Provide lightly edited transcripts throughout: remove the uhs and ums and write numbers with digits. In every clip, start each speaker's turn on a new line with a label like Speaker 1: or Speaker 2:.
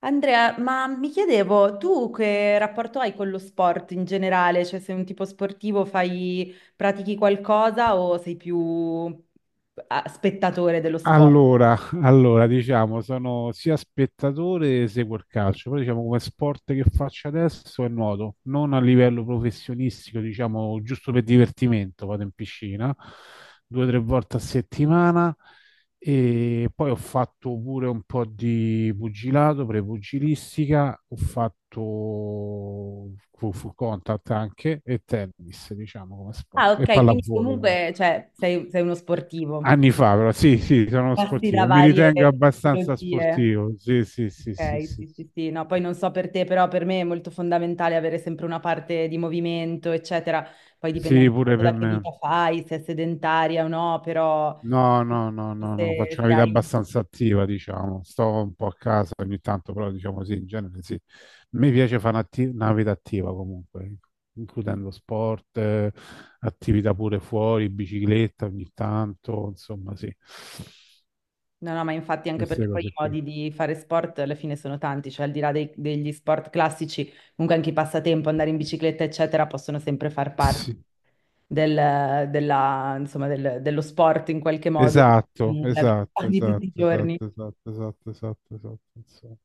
Speaker 1: Andrea, ma mi chiedevo, tu che rapporto hai con lo sport in generale? Cioè, sei un tipo sportivo, fai, pratichi qualcosa o sei più ah, spettatore dello sport?
Speaker 2: Allora, diciamo, sono sia spettatore che seguo il calcio, però diciamo come sport che faccio adesso è nuoto, non a livello professionistico, diciamo giusto per divertimento, vado in piscina due o tre volte a settimana e poi ho fatto pure un po' di pugilato, prepugilistica, ho fatto full contact anche e tennis, diciamo come
Speaker 1: Ah,
Speaker 2: sport, e
Speaker 1: ok, quindi
Speaker 2: pallavolo
Speaker 1: comunque, cioè, sei, sei uno sportivo.
Speaker 2: anni fa, però sì, sì, sono
Speaker 1: Passi da
Speaker 2: sportivo. Mi
Speaker 1: varie
Speaker 2: ritengo abbastanza
Speaker 1: tipologie.
Speaker 2: sportivo. Sì, sì, sì, sì,
Speaker 1: Okay,
Speaker 2: sì.
Speaker 1: sì, sì, sì. No, poi non so per te, però per me è molto fondamentale avere sempre una parte di movimento, eccetera. Poi dipende
Speaker 2: Sì,
Speaker 1: anche
Speaker 2: pure
Speaker 1: tanto
Speaker 2: per
Speaker 1: da che
Speaker 2: me.
Speaker 1: vita fai, se è sedentaria o no, però
Speaker 2: No, no, no, no, no, faccio
Speaker 1: se,
Speaker 2: una
Speaker 1: se
Speaker 2: vita
Speaker 1: hai...
Speaker 2: abbastanza attiva, diciamo. Sto un po' a casa ogni tanto, però diciamo sì, in genere sì. Mi piace fare una vita attiva comunque, includendo sport, attività pure fuori, bicicletta ogni tanto, insomma sì.
Speaker 1: No, no, ma infatti anche
Speaker 2: Queste
Speaker 1: perché poi
Speaker 2: cose
Speaker 1: i
Speaker 2: qui.
Speaker 1: modi di fare sport alla fine sono tanti, cioè al di là degli sport classici, comunque anche i passatempo, andare in bicicletta, eccetera, possono sempre far parte
Speaker 2: Sì.
Speaker 1: insomma, dello sport in qualche modo,
Speaker 2: Esatto,
Speaker 1: della vita
Speaker 2: esatto,
Speaker 1: di tutti i
Speaker 2: esatto,
Speaker 1: giorni.
Speaker 2: esatto, esatto, esatto, esatto, esatto, insomma.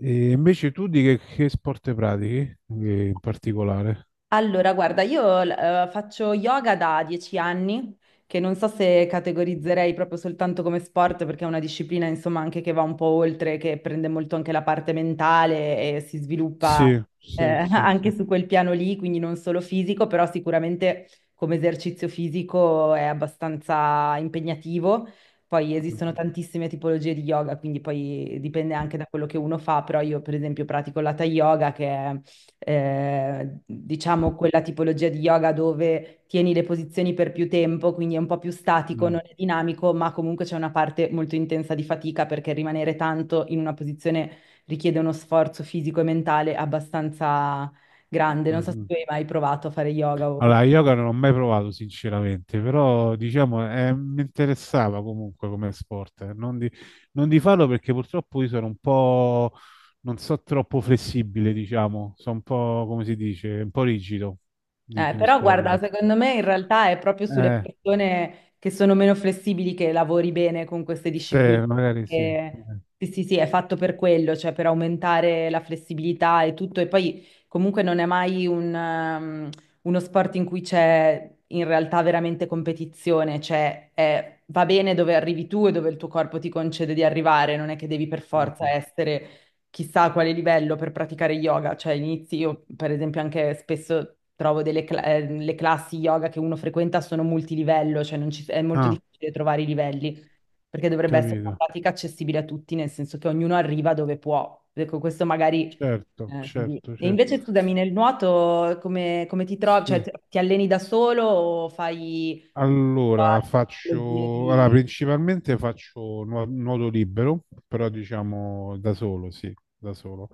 Speaker 2: E invece tu di che sport pratichi in particolare?
Speaker 1: Allora, guarda, io faccio yoga da 10 anni, che non so se categorizzerei proprio soltanto come sport, perché è una disciplina, insomma, anche che va un po' oltre, che prende molto anche la parte mentale e si sviluppa
Speaker 2: Sì, sì, sì, sì.
Speaker 1: anche su quel piano lì, quindi non solo fisico, però sicuramente come esercizio fisico è abbastanza impegnativo. Poi esistono tantissime tipologie di yoga, quindi poi dipende anche da quello che uno fa, però io per esempio pratico l'hatha yoga, che è diciamo quella tipologia di yoga dove tieni le posizioni per più tempo, quindi è un po' più statico, non
Speaker 2: Mhm,
Speaker 1: è dinamico, ma comunque c'è una parte molto intensa di fatica perché rimanere tanto in una posizione richiede uno sforzo fisico e mentale abbastanza grande.
Speaker 2: mhm,
Speaker 1: Non so se
Speaker 2: mhm.
Speaker 1: tu hai mai provato a fare yoga o...
Speaker 2: Allora, yoga non l'ho mai provato sinceramente, però diciamo mi interessava comunque come sport. Non di farlo perché purtroppo io sono un po', non so, troppo flessibile, diciamo, sono un po', come si dice, un po' rigido di
Speaker 1: Però guarda,
Speaker 2: muscolatura.
Speaker 1: secondo me in realtà è proprio sulle
Speaker 2: Eh,
Speaker 1: persone che sono meno flessibili che lavori bene con queste discipline.
Speaker 2: se magari sì.
Speaker 1: E- sì, sì, sì, è fatto per quello, cioè per aumentare la flessibilità e tutto. E poi comunque non è mai un, uno sport in cui c'è in realtà veramente competizione, cioè va bene dove arrivi tu e dove il tuo corpo ti concede di arrivare, non è che devi per forza
Speaker 2: Mhm.
Speaker 1: essere chissà a quale livello per praticare yoga, cioè inizi io per esempio anche spesso trovo le classi yoga che uno frequenta sono multilivello, cioè non ci- è molto
Speaker 2: Ah,
Speaker 1: difficile trovare i livelli, perché dovrebbe essere una
Speaker 2: capito.
Speaker 1: pratica accessibile a tutti, nel senso che ognuno arriva dove può. Ecco, questo magari...
Speaker 2: Certo,
Speaker 1: così.
Speaker 2: certo,
Speaker 1: E
Speaker 2: certo.
Speaker 1: invece scusami, nel nuoto come, come ti trovi? Cioè
Speaker 2: Sì.
Speaker 1: ti alleni da solo o fai...
Speaker 2: Allora,
Speaker 1: tecnologie di...
Speaker 2: allora, principalmente faccio nuoto libero, però diciamo da solo, sì, da solo.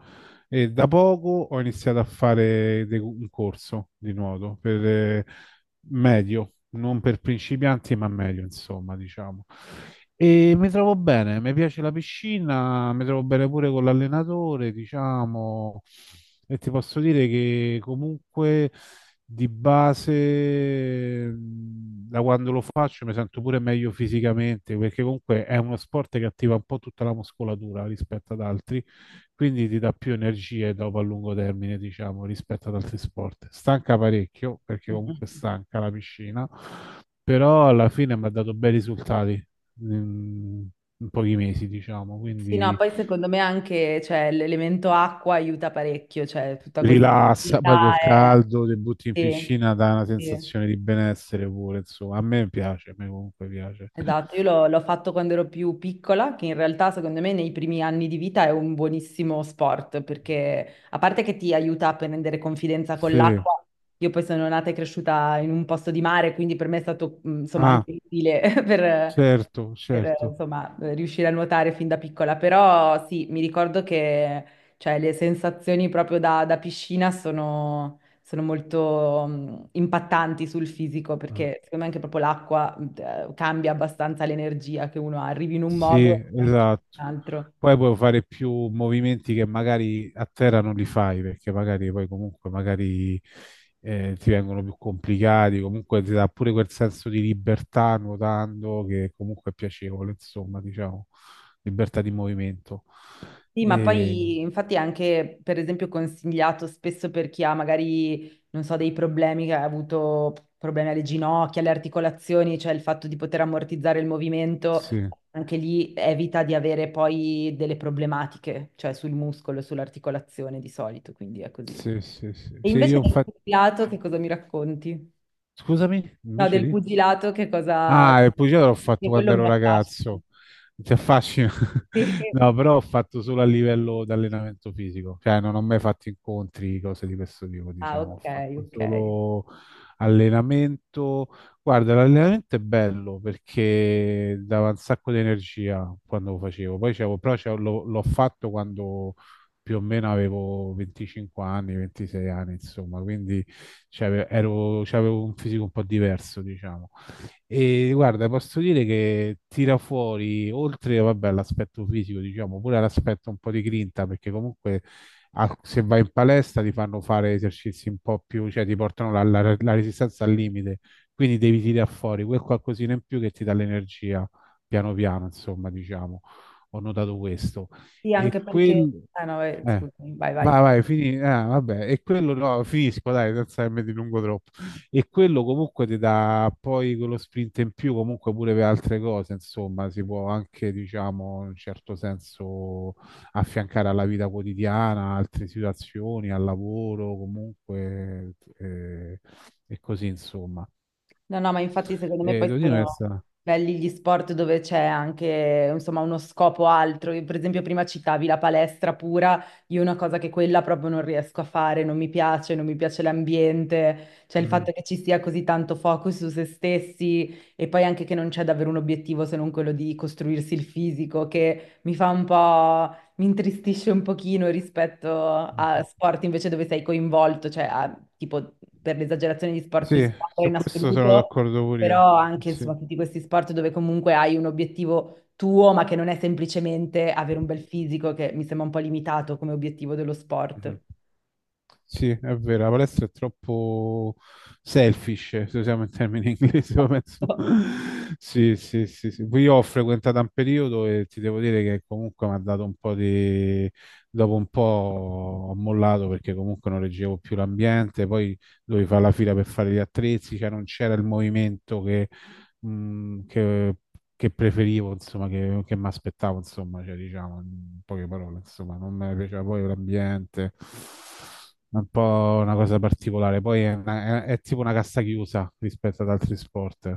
Speaker 2: E da poco ho iniziato a fare un corso di nuoto per, medio, non per principianti, ma medio, insomma, diciamo. E mi trovo bene, mi piace la piscina, mi trovo bene pure con l'allenatore, diciamo, e ti posso dire che comunque di base, da quando lo faccio, mi sento pure meglio fisicamente, perché comunque è uno sport che attiva un po' tutta la muscolatura rispetto ad altri, quindi ti dà più energie dopo a lungo termine, diciamo, rispetto ad altri sport. Stanca parecchio, perché
Speaker 1: Mm, mm.
Speaker 2: comunque
Speaker 1: Mm.
Speaker 2: stanca la piscina, però alla fine mi ha dato bei risultati. In In pochi mesi, diciamo,
Speaker 1: Sì, no,
Speaker 2: quindi
Speaker 1: poi secondo me anche, cioè, l'elemento acqua aiuta parecchio, cioè tutta questa
Speaker 2: rilassa,
Speaker 1: attività
Speaker 2: poi col
Speaker 1: è...
Speaker 2: caldo, ti butti in
Speaker 1: Sì,
Speaker 2: piscina, dà una
Speaker 1: sì.
Speaker 2: sensazione di benessere pure, insomma, a me piace, a me comunque piace.
Speaker 1: Esatto, io l'ho fatto quando ero più piccola, che in realtà secondo me nei primi anni di vita è un buonissimo sport, perché a parte che ti aiuta a prendere confidenza con
Speaker 2: Sì,
Speaker 1: l'acqua, io poi sono nata e cresciuta in un posto di mare, quindi per me è stato insomma
Speaker 2: ah,
Speaker 1: anche utile
Speaker 2: certo,
Speaker 1: per,
Speaker 2: certo.
Speaker 1: insomma, riuscire a nuotare fin da piccola, però sì, mi ricordo che cioè, le sensazioni proprio da, da piscina sono sono molto impattanti sul fisico
Speaker 2: Ah.
Speaker 1: perché secondo me anche proprio l'acqua cambia abbastanza l'energia che uno ha, arrivi in un
Speaker 2: Sì,
Speaker 1: modo e esci in un
Speaker 2: esatto.
Speaker 1: altro.
Speaker 2: Poi puoi fare più movimenti che magari a terra non li fai, perché magari poi comunque magari ti vengono più complicati, comunque ti dà pure quel senso di libertà nuotando che comunque è piacevole, insomma, diciamo, libertà di movimento.
Speaker 1: Sì, ma
Speaker 2: E,
Speaker 1: poi infatti è anche per esempio consigliato spesso per chi ha magari, non so, dei problemi, che ha avuto problemi alle ginocchia, alle articolazioni, cioè il fatto di poter ammortizzare il movimento,
Speaker 2: sì,
Speaker 1: anche lì evita di avere poi delle problematiche, cioè sul muscolo, sull'articolazione di solito, quindi è così.
Speaker 2: sì, sì, sì.
Speaker 1: E
Speaker 2: Sì,
Speaker 1: invece sì,
Speaker 2: io
Speaker 1: del
Speaker 2: infatti...
Speaker 1: pugilato che cosa mi racconti?
Speaker 2: Scusami,
Speaker 1: No,
Speaker 2: invece
Speaker 1: del
Speaker 2: di...
Speaker 1: pugilato che cosa...
Speaker 2: Ah, il pugilato l'ho fatto
Speaker 1: che
Speaker 2: quando
Speaker 1: quello
Speaker 2: ero
Speaker 1: mi affascina.
Speaker 2: ragazzo. Ti affascina?
Speaker 1: Sì.
Speaker 2: No, però ho fatto solo a livello di allenamento fisico, cioè non ho mai fatto incontri, cose di questo tipo,
Speaker 1: Ah,
Speaker 2: diciamo, ho
Speaker 1: ok,
Speaker 2: fatto
Speaker 1: ok.
Speaker 2: solo allenamento. Guarda, l'allenamento è bello perché dava un sacco di energia quando lo facevo, poi l'ho fatto quando più o meno avevo 25 anni, 26 anni, insomma, quindi c'avevo un fisico un po' diverso, diciamo. E guarda, posso dire che tira fuori, oltre vabbè, all'aspetto fisico, diciamo, pure all'aspetto un po' di grinta, perché comunque se vai in palestra ti fanno fare esercizi un po' più, cioè ti portano la resistenza al limite, quindi devi tirare fuori quel qualcosina in più che ti dà l'energia piano piano, insomma, diciamo, ho notato questo.
Speaker 1: Sì,
Speaker 2: E
Speaker 1: anche perché...
Speaker 2: quel...
Speaker 1: Ah no,
Speaker 2: eh,
Speaker 1: scusami, vai, vai.
Speaker 2: vai, vai, vabbè, e quello no, finisco, dai, senza che mi dilungo troppo e quello comunque ti dà poi quello sprint in più comunque pure per altre cose, insomma, si può anche, diciamo, in un certo senso affiancare alla vita quotidiana, altre situazioni, al lavoro, comunque e così, insomma.
Speaker 1: No, no, ma infatti secondo me
Speaker 2: E
Speaker 1: poi
Speaker 2: devo dire,
Speaker 1: sono
Speaker 2: questa-
Speaker 1: belli gli sport dove c'è anche, insomma, uno scopo altro. Io, per esempio, prima citavi la palestra pura, io una cosa che quella proprio non riesco a fare, non mi piace, non mi piace l'ambiente, cioè il fatto
Speaker 2: Mm,
Speaker 1: che ci sia così tanto focus su se stessi e poi anche che non c'è davvero un obiettivo se non quello di costruirsi il fisico, che mi fa un po'... Mi intristisce un pochino rispetto a
Speaker 2: mhm.
Speaker 1: sport invece dove sei coinvolto, cioè tipo per l'esagerazione di sport di
Speaker 2: Sì,
Speaker 1: squadra
Speaker 2: su
Speaker 1: in
Speaker 2: questo sono
Speaker 1: assoluto,
Speaker 2: d'accordo pure io.
Speaker 1: però anche
Speaker 2: Sì.
Speaker 1: insomma tutti questi sport dove comunque hai un obiettivo tuo, ma che non è semplicemente avere un bel fisico, che mi sembra un po' limitato come obiettivo dello
Speaker 2: Mhm.
Speaker 1: sport.
Speaker 2: Sì, è vero, la palestra è troppo selfish, se usiamo il termine inglese, io penso. Sì, sì, sì, sì. Poi io ho frequentato un periodo e ti devo dire che comunque mi ha dato un po' di... Dopo un po' ho mollato perché comunque non reggevo più l'ambiente, poi dovevi fare la fila per fare gli attrezzi, cioè non c'era il movimento che mh, che, che preferivo, insomma, che mi aspettavo, insomma, cioè, diciamo, in poche parole, insomma, non mi piaceva poi l'ambiente, è un po' una cosa particolare, poi è, è tipo una cassa chiusa rispetto ad altri sport.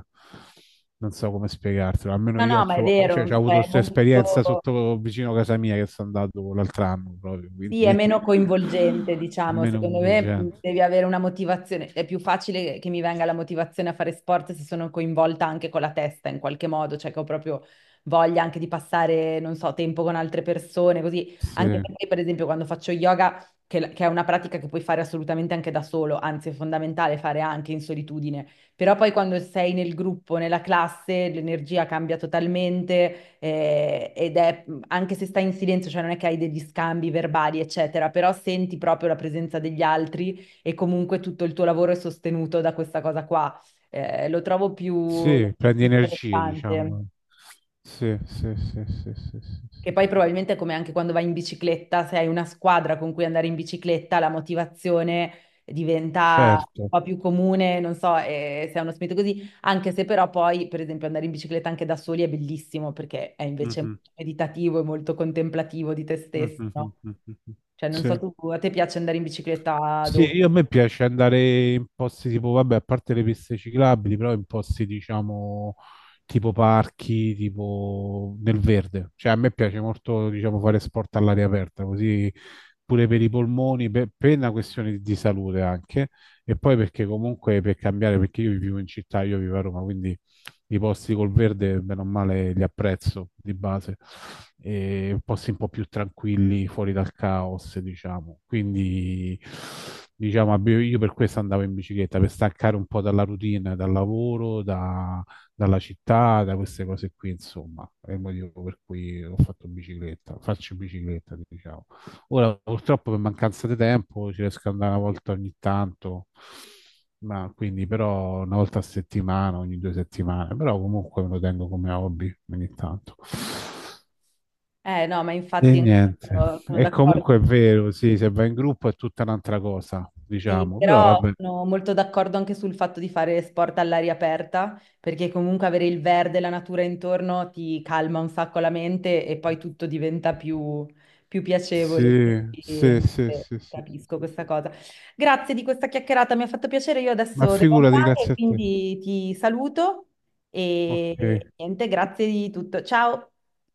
Speaker 2: Non so come spiegartelo, almeno
Speaker 1: No,
Speaker 2: io
Speaker 1: no,
Speaker 2: ho,
Speaker 1: ma è
Speaker 2: c'ho
Speaker 1: vero,
Speaker 2: avuto
Speaker 1: cioè, è
Speaker 2: questa esperienza
Speaker 1: molto...
Speaker 2: sotto vicino a casa mia che sono andato l'altro anno proprio,
Speaker 1: Sì, è
Speaker 2: quindi
Speaker 1: meno coinvolgente, diciamo,
Speaker 2: meno
Speaker 1: secondo me
Speaker 2: coinvolgente.
Speaker 1: devi avere una motivazione, è più facile che mi venga la motivazione a fare sport se sono coinvolta anche con la testa in qualche modo, cioè che ho proprio voglia anche di passare, non so, tempo con altre persone, così, anche
Speaker 2: Sì,
Speaker 1: perché per esempio quando faccio yoga, che è una pratica che puoi fare assolutamente anche da solo, anzi è fondamentale fare anche in solitudine, però poi quando sei nel gruppo, nella classe, l'energia cambia totalmente ed è, anche se stai in silenzio, cioè non è che hai degli scambi verbali, eccetera, però senti proprio la presenza degli altri e comunque tutto il tuo lavoro è sostenuto da questa cosa qua. Lo trovo più,
Speaker 2: sì, prendi
Speaker 1: più
Speaker 2: energie,
Speaker 1: interessante.
Speaker 2: diciamo. Sì, sì, sì, sì, sì, sì,
Speaker 1: Che
Speaker 2: sì,
Speaker 1: poi
Speaker 2: sì.
Speaker 1: probabilmente è come anche quando vai in bicicletta, se hai una squadra con cui andare in bicicletta, la motivazione diventa
Speaker 2: Certo.
Speaker 1: un po' più comune, non so, se è uno spirito così, anche se però poi, per esempio, andare in bicicletta anche da soli è bellissimo perché è invece
Speaker 2: Mhm,
Speaker 1: molto meditativo e molto contemplativo di te stesso,
Speaker 2: mhm, mhm,
Speaker 1: no?
Speaker 2: mhm.
Speaker 1: Cioè, non so
Speaker 2: Sì.
Speaker 1: tu, a te piace andare in bicicletta
Speaker 2: Sì,
Speaker 1: dove?
Speaker 2: io a me piace andare in posti tipo, vabbè, a parte le piste ciclabili, però in posti, diciamo, tipo parchi, tipo nel verde. Cioè, a me piace molto, diciamo, fare sport all'aria aperta, così pure per i polmoni, per una questione di salute anche, e poi perché comunque per cambiare, perché io vivo in città, io vivo a Roma, quindi i posti col verde, bene o male, li apprezzo di base, e posti un po' più tranquilli, fuori dal caos, diciamo. Quindi, diciamo, io per questo andavo in bicicletta, per staccare un po' dalla routine, dal lavoro, dalla città, da queste cose qui, insomma. È il motivo per cui ho fatto bicicletta, faccio bicicletta, diciamo. Ora, purtroppo, per mancanza di tempo, ci riesco ad andare una volta ogni tanto, ma quindi però una volta a settimana, ogni due settimane, però comunque me lo tengo come hobby ogni tanto.
Speaker 1: Eh no, ma
Speaker 2: E
Speaker 1: infatti
Speaker 2: niente.
Speaker 1: anch'io sono
Speaker 2: E
Speaker 1: d'accordo.
Speaker 2: comunque è vero, sì, se va in gruppo è tutta un'altra cosa,
Speaker 1: Sì,
Speaker 2: diciamo, però
Speaker 1: però
Speaker 2: vabbè.
Speaker 1: sono molto d'accordo anche sul fatto di fare sport all'aria aperta, perché comunque avere il verde, e la natura intorno ti calma un sacco la mente e poi tutto diventa più, più piacevole.
Speaker 2: Sì, sì,
Speaker 1: Quindi,
Speaker 2: sì, sì, sì, sì,
Speaker 1: capisco
Speaker 2: sì,
Speaker 1: questa
Speaker 2: sì.
Speaker 1: cosa. Grazie di questa chiacchierata, mi ha fatto piacere. Io
Speaker 2: Ma
Speaker 1: adesso devo
Speaker 2: figurati,
Speaker 1: andare,
Speaker 2: grazie a te.
Speaker 1: quindi ti saluto
Speaker 2: Ok.
Speaker 1: e niente, grazie di tutto. Ciao.